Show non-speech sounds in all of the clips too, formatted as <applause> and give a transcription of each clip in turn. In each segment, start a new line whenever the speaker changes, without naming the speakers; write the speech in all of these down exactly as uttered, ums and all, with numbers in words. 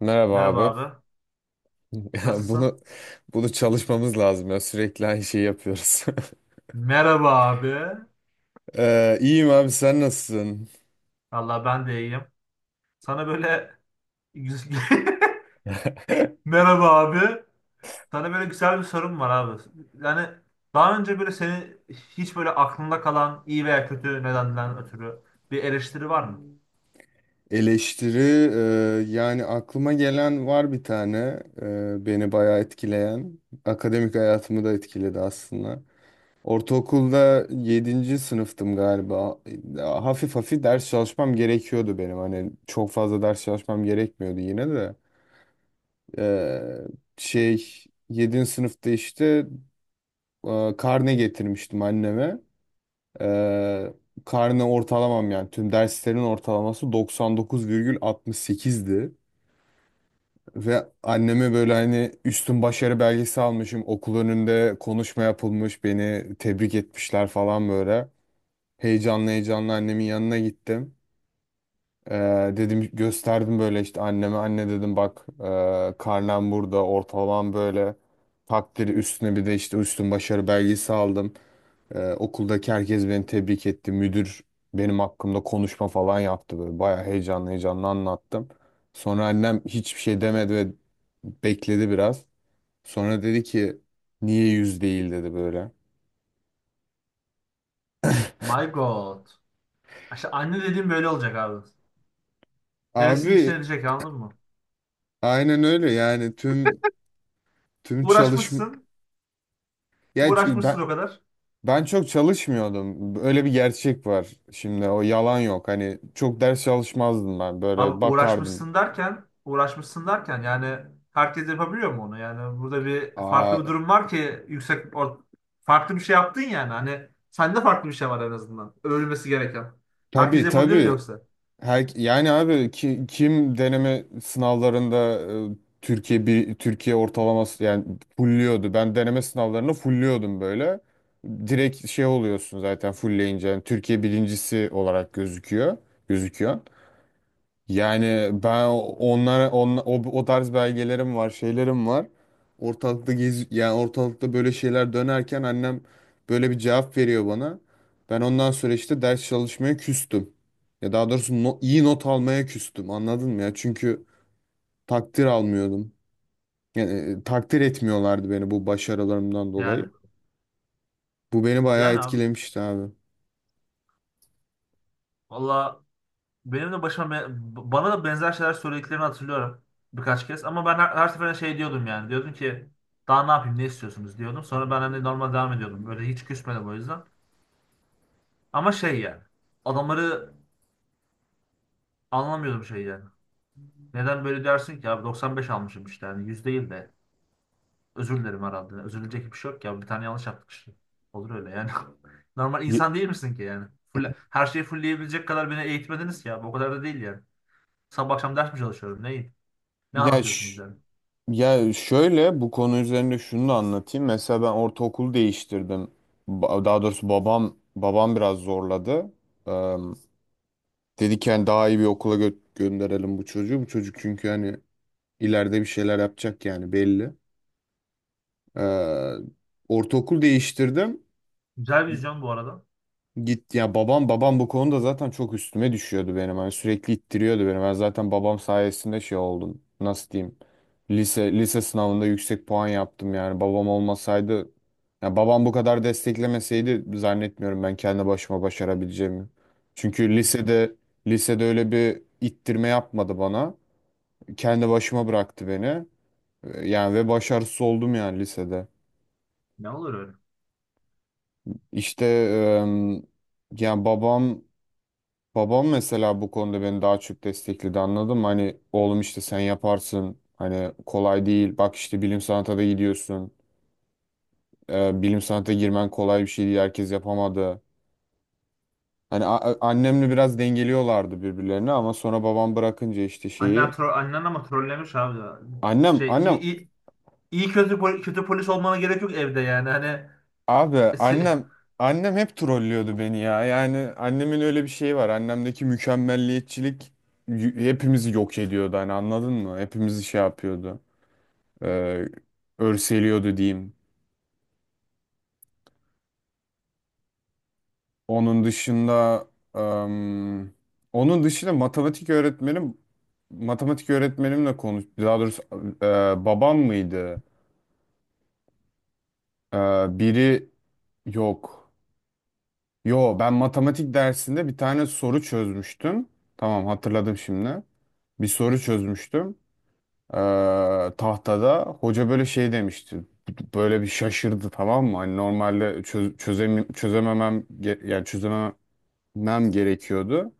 Merhaba
Merhaba
abi. <laughs>
abi.
Ya
Nasılsın?
bunu bunu çalışmamız lazım ya. Sürekli aynı şeyi yapıyoruz.
Merhaba abi.
<laughs> ee, iyiyim abi, sen nasılsın?
Allah ben de iyiyim. Sana böyle <laughs>
<laughs>
merhaba abi. Sana böyle güzel bir sorum var abi. Yani daha önce böyle seni hiç böyle aklında kalan iyi veya kötü nedenden ötürü bir eleştiri var mı?
Eleştiri, e, yani aklıma gelen var bir tane, e, beni bayağı etkileyen. Akademik hayatımı da etkiledi aslında. Ortaokulda yedinci sınıftım galiba. Hafif hafif ders çalışmam gerekiyordu benim. Hani çok fazla ders çalışmam gerekmiyordu yine de. Ee, Şey, yedinci sınıfta işte e, karne getirmiştim anneme. E, Karne ortalamam, yani tüm derslerin ortalaması doksan dokuz virgül altmış sekizdi. Ve anneme böyle, hani, üstün başarı belgesi almışım. Okul önünde konuşma yapılmış. Beni tebrik etmişler falan böyle. Heyecanlı heyecanlı annemin yanına gittim. E, Dedim, gösterdim böyle işte anneme. Anne dedim, bak, e, karnem burada, ortalamam böyle. Takdiri üstüne bir de işte üstün başarı belgesi aldım. Ee, okuldaki herkes beni tebrik etti. Müdür benim hakkımda konuşma falan yaptı böyle. Bayağı heyecanlı heyecanlı anlattım. Sonra annem hiçbir şey demedi ve bekledi biraz. Sonra dedi ki, niye yüz değil dedi böyle.
My God. İşte anne dediğim böyle olacak abi. Hevesin içine
Abi
edecek anladın mı?
aynen öyle, yani tüm tüm çalışma,
Uğraşmışsın.
ya ç-
Uğraşmışsın
ben
o kadar.
ben çok çalışmıyordum. Öyle bir gerçek var. Şimdi o yalan yok. Hani çok ders çalışmazdım ben. Böyle
Abi
bakardım.
uğraşmışsın derken, uğraşmışsın derken, yani herkes yapabiliyor mu onu? Yani burada bir farklı
Aa
bir durum var ki yüksek or- farklı bir şey yaptın yani. Hani sende farklı bir şey var, en azından övülmesi gereken. Herkes
tabii
yapabilirdi
tabii.
yoksa.
Her, yani abi ki, kim deneme sınavlarında e, Türkiye, bir Türkiye ortalaması yani fulluyordu. Ben deneme sınavlarını fulluyordum böyle. Direkt şey oluyorsun zaten fullleyince, yani Türkiye birincisi olarak gözüküyor. Gözüküyor. Yani ben onlara on, o, o tarz belgelerim var, şeylerim var. Ortalıkta gez, yani ortalıkta böyle şeyler dönerken annem böyle bir cevap veriyor bana. Ben ondan sonra işte ders çalışmaya küstüm. Ya, daha doğrusu no- iyi not almaya küstüm. Anladın mı ya? Çünkü takdir almıyordum. Yani, e, takdir etmiyorlardı beni bu başarılarımdan
Yani.
dolayı. Bu beni bayağı
Yani abi.
etkilemişti abi.
Valla benim de başıma be- bana da benzer şeyler söylediklerini hatırlıyorum birkaç kez. Ama ben her, her seferinde şey diyordum yani. Diyordum ki daha ne yapayım, ne istiyorsunuz diyordum. Sonra ben hani normal devam ediyordum. Böyle hiç küsmedim o yüzden. Ama şey yani. Adamları anlamıyordum şeyi yani. Neden böyle dersin ki abi, doksan beş almışım işte, yani yüz değil de özür dilerim herhalde. Özürülecek bir şey yok ya, bir tane yanlış yaptık işte. Olur öyle yani. <laughs> Normal
Ye-
insan değil misin ki yani? Full, her şeyi fullleyebilecek kadar beni eğitmediniz ki abi, o kadar da değil yani. Sabah akşam ders mi çalışıyorum neyin? Ne
Ya,
anlatıyorsunuz
ş-
yani?
Ya şöyle, bu konu üzerinde şunu da anlatayım. Mesela ben ortaokul değiştirdim. Ba- Daha doğrusu babam babam biraz zorladı. Eee Dedi ki hani daha iyi bir okula gö- gönderelim bu çocuğu. Bu çocuk çünkü hani ileride bir şeyler yapacak, yani belli. Eee Ortaokul değiştirdim.
Güzel vizyon bu arada.
Git ya babam babam bu konuda zaten çok üstüme düşüyordu benim. Hani sürekli ittiriyordu beni. Ben zaten babam sayesinde şey oldum. Nasıl diyeyim? Lise lise sınavında yüksek puan yaptım yani. Babam olmasaydı, ya babam bu kadar desteklemeseydi, zannetmiyorum ben kendi başıma başarabileceğimi. Çünkü lisede lisede öyle bir ittirme yapmadı bana. Kendi başıma bıraktı beni. Ee, Yani ve başarısız oldum yani lisede.
Ne olur öyle.
İşte, em, yani babam Babam mesela bu konuda beni daha çok destekledi, anladın mı? Hani, oğlum işte sen yaparsın. Hani kolay değil. Bak işte, bilim sanata da gidiyorsun. Ee, bilim sanata girmen kolay bir şey değil. Herkes yapamadı. Hani a- a- annemle biraz dengeliyorlardı birbirlerini, ama sonra babam bırakınca işte
Annen,
şeyi.
tro annen ama trollemiş abi, ya.
Annem,
Şey iyi,
annem,
iyi, iyi kötü, pol- kötü polis olmana gerek yok evde yani. Hani
abi
<laughs> se-
annem, annem hep trollüyordu beni ya. Yani annemin öyle bir şeyi var. Annemdeki mükemmelliyetçilik y- hepimizi yok ediyordu. Hani, anladın mı? Hepimizi şey yapıyordu. e, Örseliyordu diyeyim. Onun dışında, em, onun dışında matematik öğretmenim, matematik öğretmenimle konuş, daha doğrusu e, babam mıydı? E, Biri, yok. Yo, ben matematik dersinde bir tane soru çözmüştüm. Tamam, hatırladım şimdi. Bir soru çözmüştüm. E, Tahtada hoca böyle şey demişti. Böyle bir şaşırdı, tamam mı? Hani normalde çöz, çözemem, çözememem ge- yani çözemem mem gerekiyordu.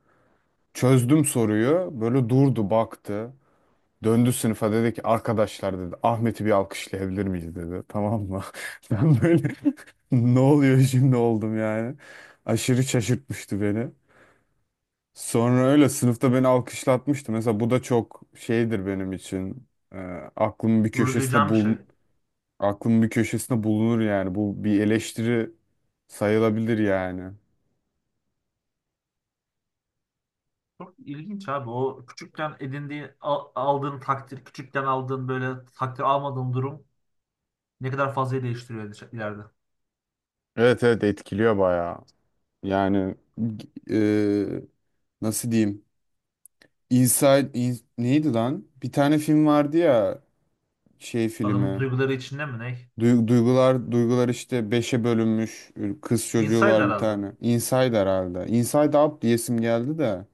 Çözdüm soruyu. Böyle durdu, baktı. Döndü sınıfa dedi ki, arkadaşlar dedi, Ahmet'i bir alkışlayabilir miyiz dedi. Tamam mı? <laughs> Ben böyle <laughs> ne oluyor şimdi oldum yani. Aşırı şaşırtmıştı beni. Sonra öyle sınıfta beni alkışlatmıştı. Mesela bu da çok şeydir benim için. Ee, aklımın bir
gurur
köşesinde
duyacağım bir şey.
bul Aklımın bir köşesinde bulunur yani. Bu bir eleştiri sayılabilir yani.
Çok ilginç abi, o küçükken edindiğin al- aldığın takdir, küçükken aldığın böyle takdir almadığın durum ne kadar fazla değiştiriyor ileride. İleride.
Evet, evet, etkiliyor bayağı. Yani, e, nasıl diyeyim? Inside in- neydi lan? Bir tane film vardı ya, şey
Adamın
filmi.
duyguları içinde mi ne?
Duy- Duygular duygular işte beşe bölünmüş. Kız çocuğu
Inside
var bir
herhalde.
tane. Inside herhalde. Inside Out diyesim geldi de.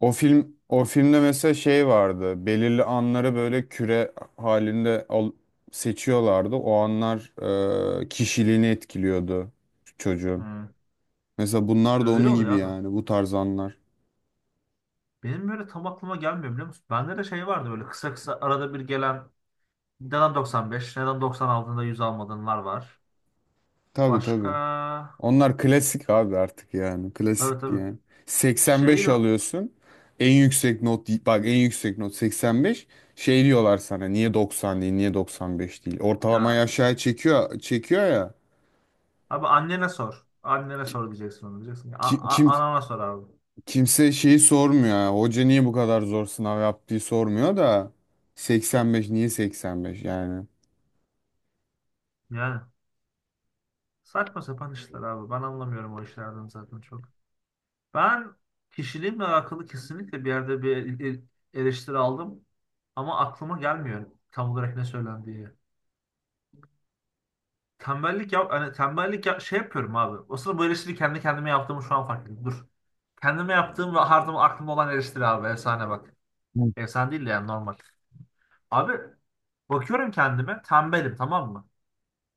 O film o filmde mesela şey vardı. Belirli anları böyle küre halinde al- seçiyorlardı. O anlar e, kişiliğini etkiliyordu çocuğun.
Hı.
Mesela bunlar da
Öyle
onun
oluyor
gibi,
abi.
yani bu tarz anlar.
Benim böyle tam aklıma gelmiyor, biliyor musun? Bende de şey vardı, böyle kısa kısa arada bir gelen neden doksan beş, neden doksan aldığında yüz almadığınlar var.
Tabii, tabii.
Başka
Onlar klasik abi artık yani.
tabii,
Klasik
tabii.
yani.
Şey
seksen beş alıyorsun. En yüksek not, bak, en yüksek not seksen beş. Şey diyorlar sana, niye doksan değil, niye doksan beş değil. Ortalamayı
ya ş-
aşağı çekiyor çekiyor ya.
abi annene sor. Annene sor diyeceksin, onu diyeceksin. A-
Ki-
a-
Kim,
anana sor abi.
kimse şeyi sormuyor ya. Hoca niye bu kadar zor sınav yaptığı sormuyor da, seksen beş niye seksen beş yani.
Yani. Saçma sapan işler abi. Ben anlamıyorum o işlerden zaten çok. Ben kişiliğimle alakalı kesinlikle bir yerde bir e- eleştiri aldım. Ama aklıma gelmiyor tam olarak ne söylendiği. Tembellik yap, hani tembellik yap- şey yapıyorum abi. Aslında bu eleştiri kendi kendime yaptığımı şu an fark ettim. Dur. Kendime yaptığım ve hardım, aklımda olan eleştiri abi. Efsane bak.
Evet.
Efsane değil de yani normal. Abi bakıyorum kendime, tembelim tamam mı?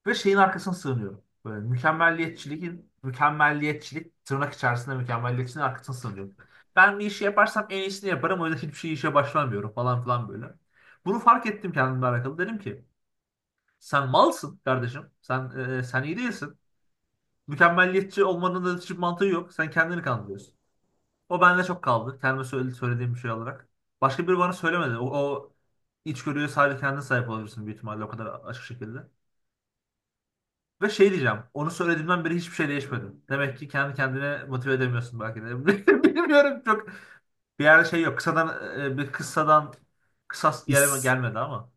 Ve şeyin arkasına sığınıyorum. Böyle mükemmelliyetçiliğin, mükemmelliyetçilik tırnak içerisinde mükemmelliyetçiliğin arkasına sığınıyorum. Ben bir işi yaparsam en iyisini yaparım, o yüzden hiçbir şey işe başlamıyorum falan filan böyle. Bunu fark ettim kendimle alakalı. Dedim ki sen malsın kardeşim. Sen e, sen iyi değilsin. Mükemmelliyetçi olmanın da hiçbir mantığı yok. Sen kendini kandırıyorsun. O bende çok kaldı. Kendime söyle- söylediğim bir şey olarak. Başka biri bana söylemedi. O, o içgörüye sadece kendin sahip olabilirsin büyük ihtimalle, o kadar açık şekilde. Ve şey diyeceğim. Onu söylediğimden beri hiçbir şey değişmedim. Demek ki kendi kendine motive edemiyorsun belki de. <laughs> Bilmiyorum çok. Bir yerde şey yok. Kısadan e, bir kıssadan kısas yerime
His
gelmedi ama.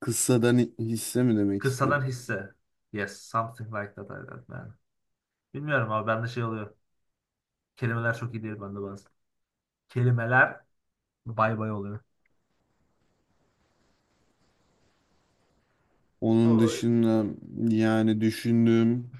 Kıssadan hisse mi demek
Kıssadan
istedim?
hisse. Yes. Something like that. I don't know. Bilmiyorum abi, bende şey oluyor. Kelimeler çok iyi değil bende bazen. Kelimeler bay bay oluyor.
Onun
Oy.
dışında, yani düşündüm.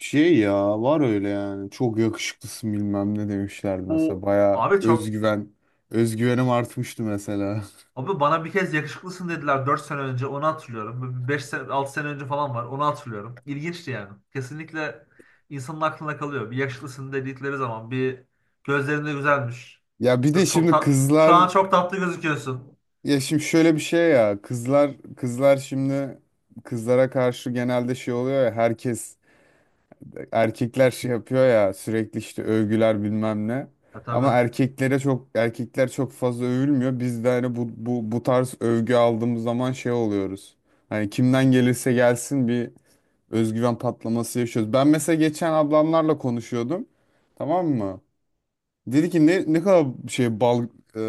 Şey ya, var öyle yani, çok yakışıklısın bilmem ne demişlerdi mesela,
Bu
baya
abi çok.
özgüven özgüvenim artmıştı mesela. <laughs>
Abi bana bir kez yakışıklısın dediler dört sene önce, onu hatırlıyorum. Beş sene altı sene önce falan var, onu hatırlıyorum. İlginçti yani. Kesinlikle insanın aklına kalıyor. Bir yakışıklısın dedikleri zaman, bir gözlerinde güzelmiş.
Ya bir de
Yok çok
şimdi
tat, şu
kızlar,
an çok tatlı gözüküyorsun.
ya şimdi şöyle bir şey, ya kızlar kızlar şimdi, kızlara karşı genelde şey oluyor ya, herkes, erkekler şey yapıyor ya, sürekli işte övgüler bilmem ne.
Ya
Ama
tabii.
erkeklere çok, erkekler çok fazla övülmüyor. Biz de hani bu bu bu tarz övgü aldığımız zaman şey oluyoruz. Hani kimden gelirse gelsin bir özgüven patlaması yaşıyoruz. Ben mesela geçen ablamlarla konuşuyordum. Tamam mı? Dedi ki ne ne kadar şey bal e,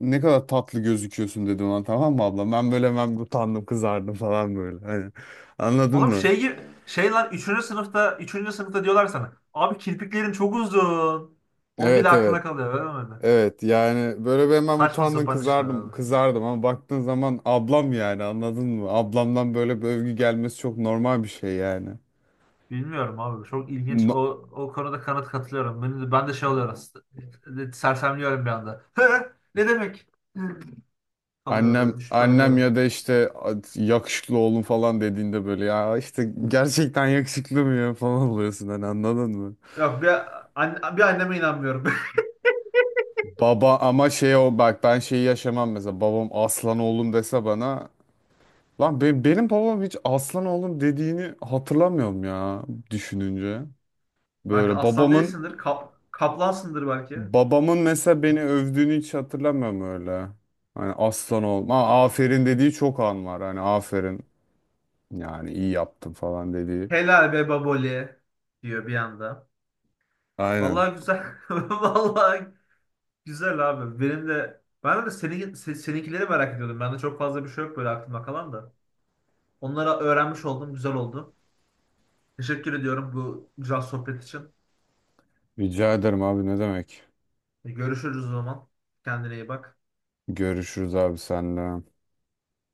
ne kadar tatlı gözüküyorsun dedi ona, tamam mı abla? Ben böyle hemen utandım, kızardım falan böyle. Hani, anladın
Oğlum
mı?
şey gibi şey lan üçüncü sınıfta, üçüncü sınıfta diyorlar sana. Abi kirpiklerin çok uzun. O bile
Evet,
aklına
evet.
kalıyor öyle mi?
Evet, yani böyle ben hemen
Saçma
utandım,
sapan işler
kızardım
abi.
kızardım, ama baktığın zaman ablam yani, anladın mı? Ablamdan böyle bir övgü gelmesi çok normal bir şey yani.
Bilmiyorum abi. Çok ilginç. O,
No-
o konuda kanıt katılıyorum. Ben de, ben de şey oluyorum. s- Sersemliyorum bir anda. Hı. Ne demek? Hı. Kalıyorum böyle.
Annem
Düşüp
annem
bayılıyorum.
ya da işte yakışıklı oğlum falan dediğinde böyle, ya işte gerçekten yakışıklı mı ya falan oluyorsun, hani anladın mı?
Yok bir, an bir anneme inanmıyorum.
Baba, ama şey, o bak, ben şeyi yaşamam mesela, babam aslan oğlum dese bana. Lan be- benim babam hiç aslan oğlum dediğini hatırlamıyorum ya, düşününce.
<laughs> Belki
Böyle
aslan
babamın
değilsindir. Kap, kaplansındır belki.
babamın mesela beni övdüğünü hiç hatırlamıyorum öyle. Hani aslan oğlum ha, aferin dediği çok an var, hani aferin, yani iyi yaptın falan dediği.
Helal be baboli diyor bir anda.
Aynen.
Vallahi güzel. <laughs> Vallahi güzel abi. Benim de ben de senin, se- seninkileri merak ediyordum. Bende çok fazla bir şey yok böyle aklımda kalan da. Onlara öğrenmiş oldum. Güzel oldu. Teşekkür ediyorum bu güzel sohbet için.
Rica ederim abi, ne demek.
E, Görüşürüz o zaman. Kendine iyi bak.
Görüşürüz abi, senle.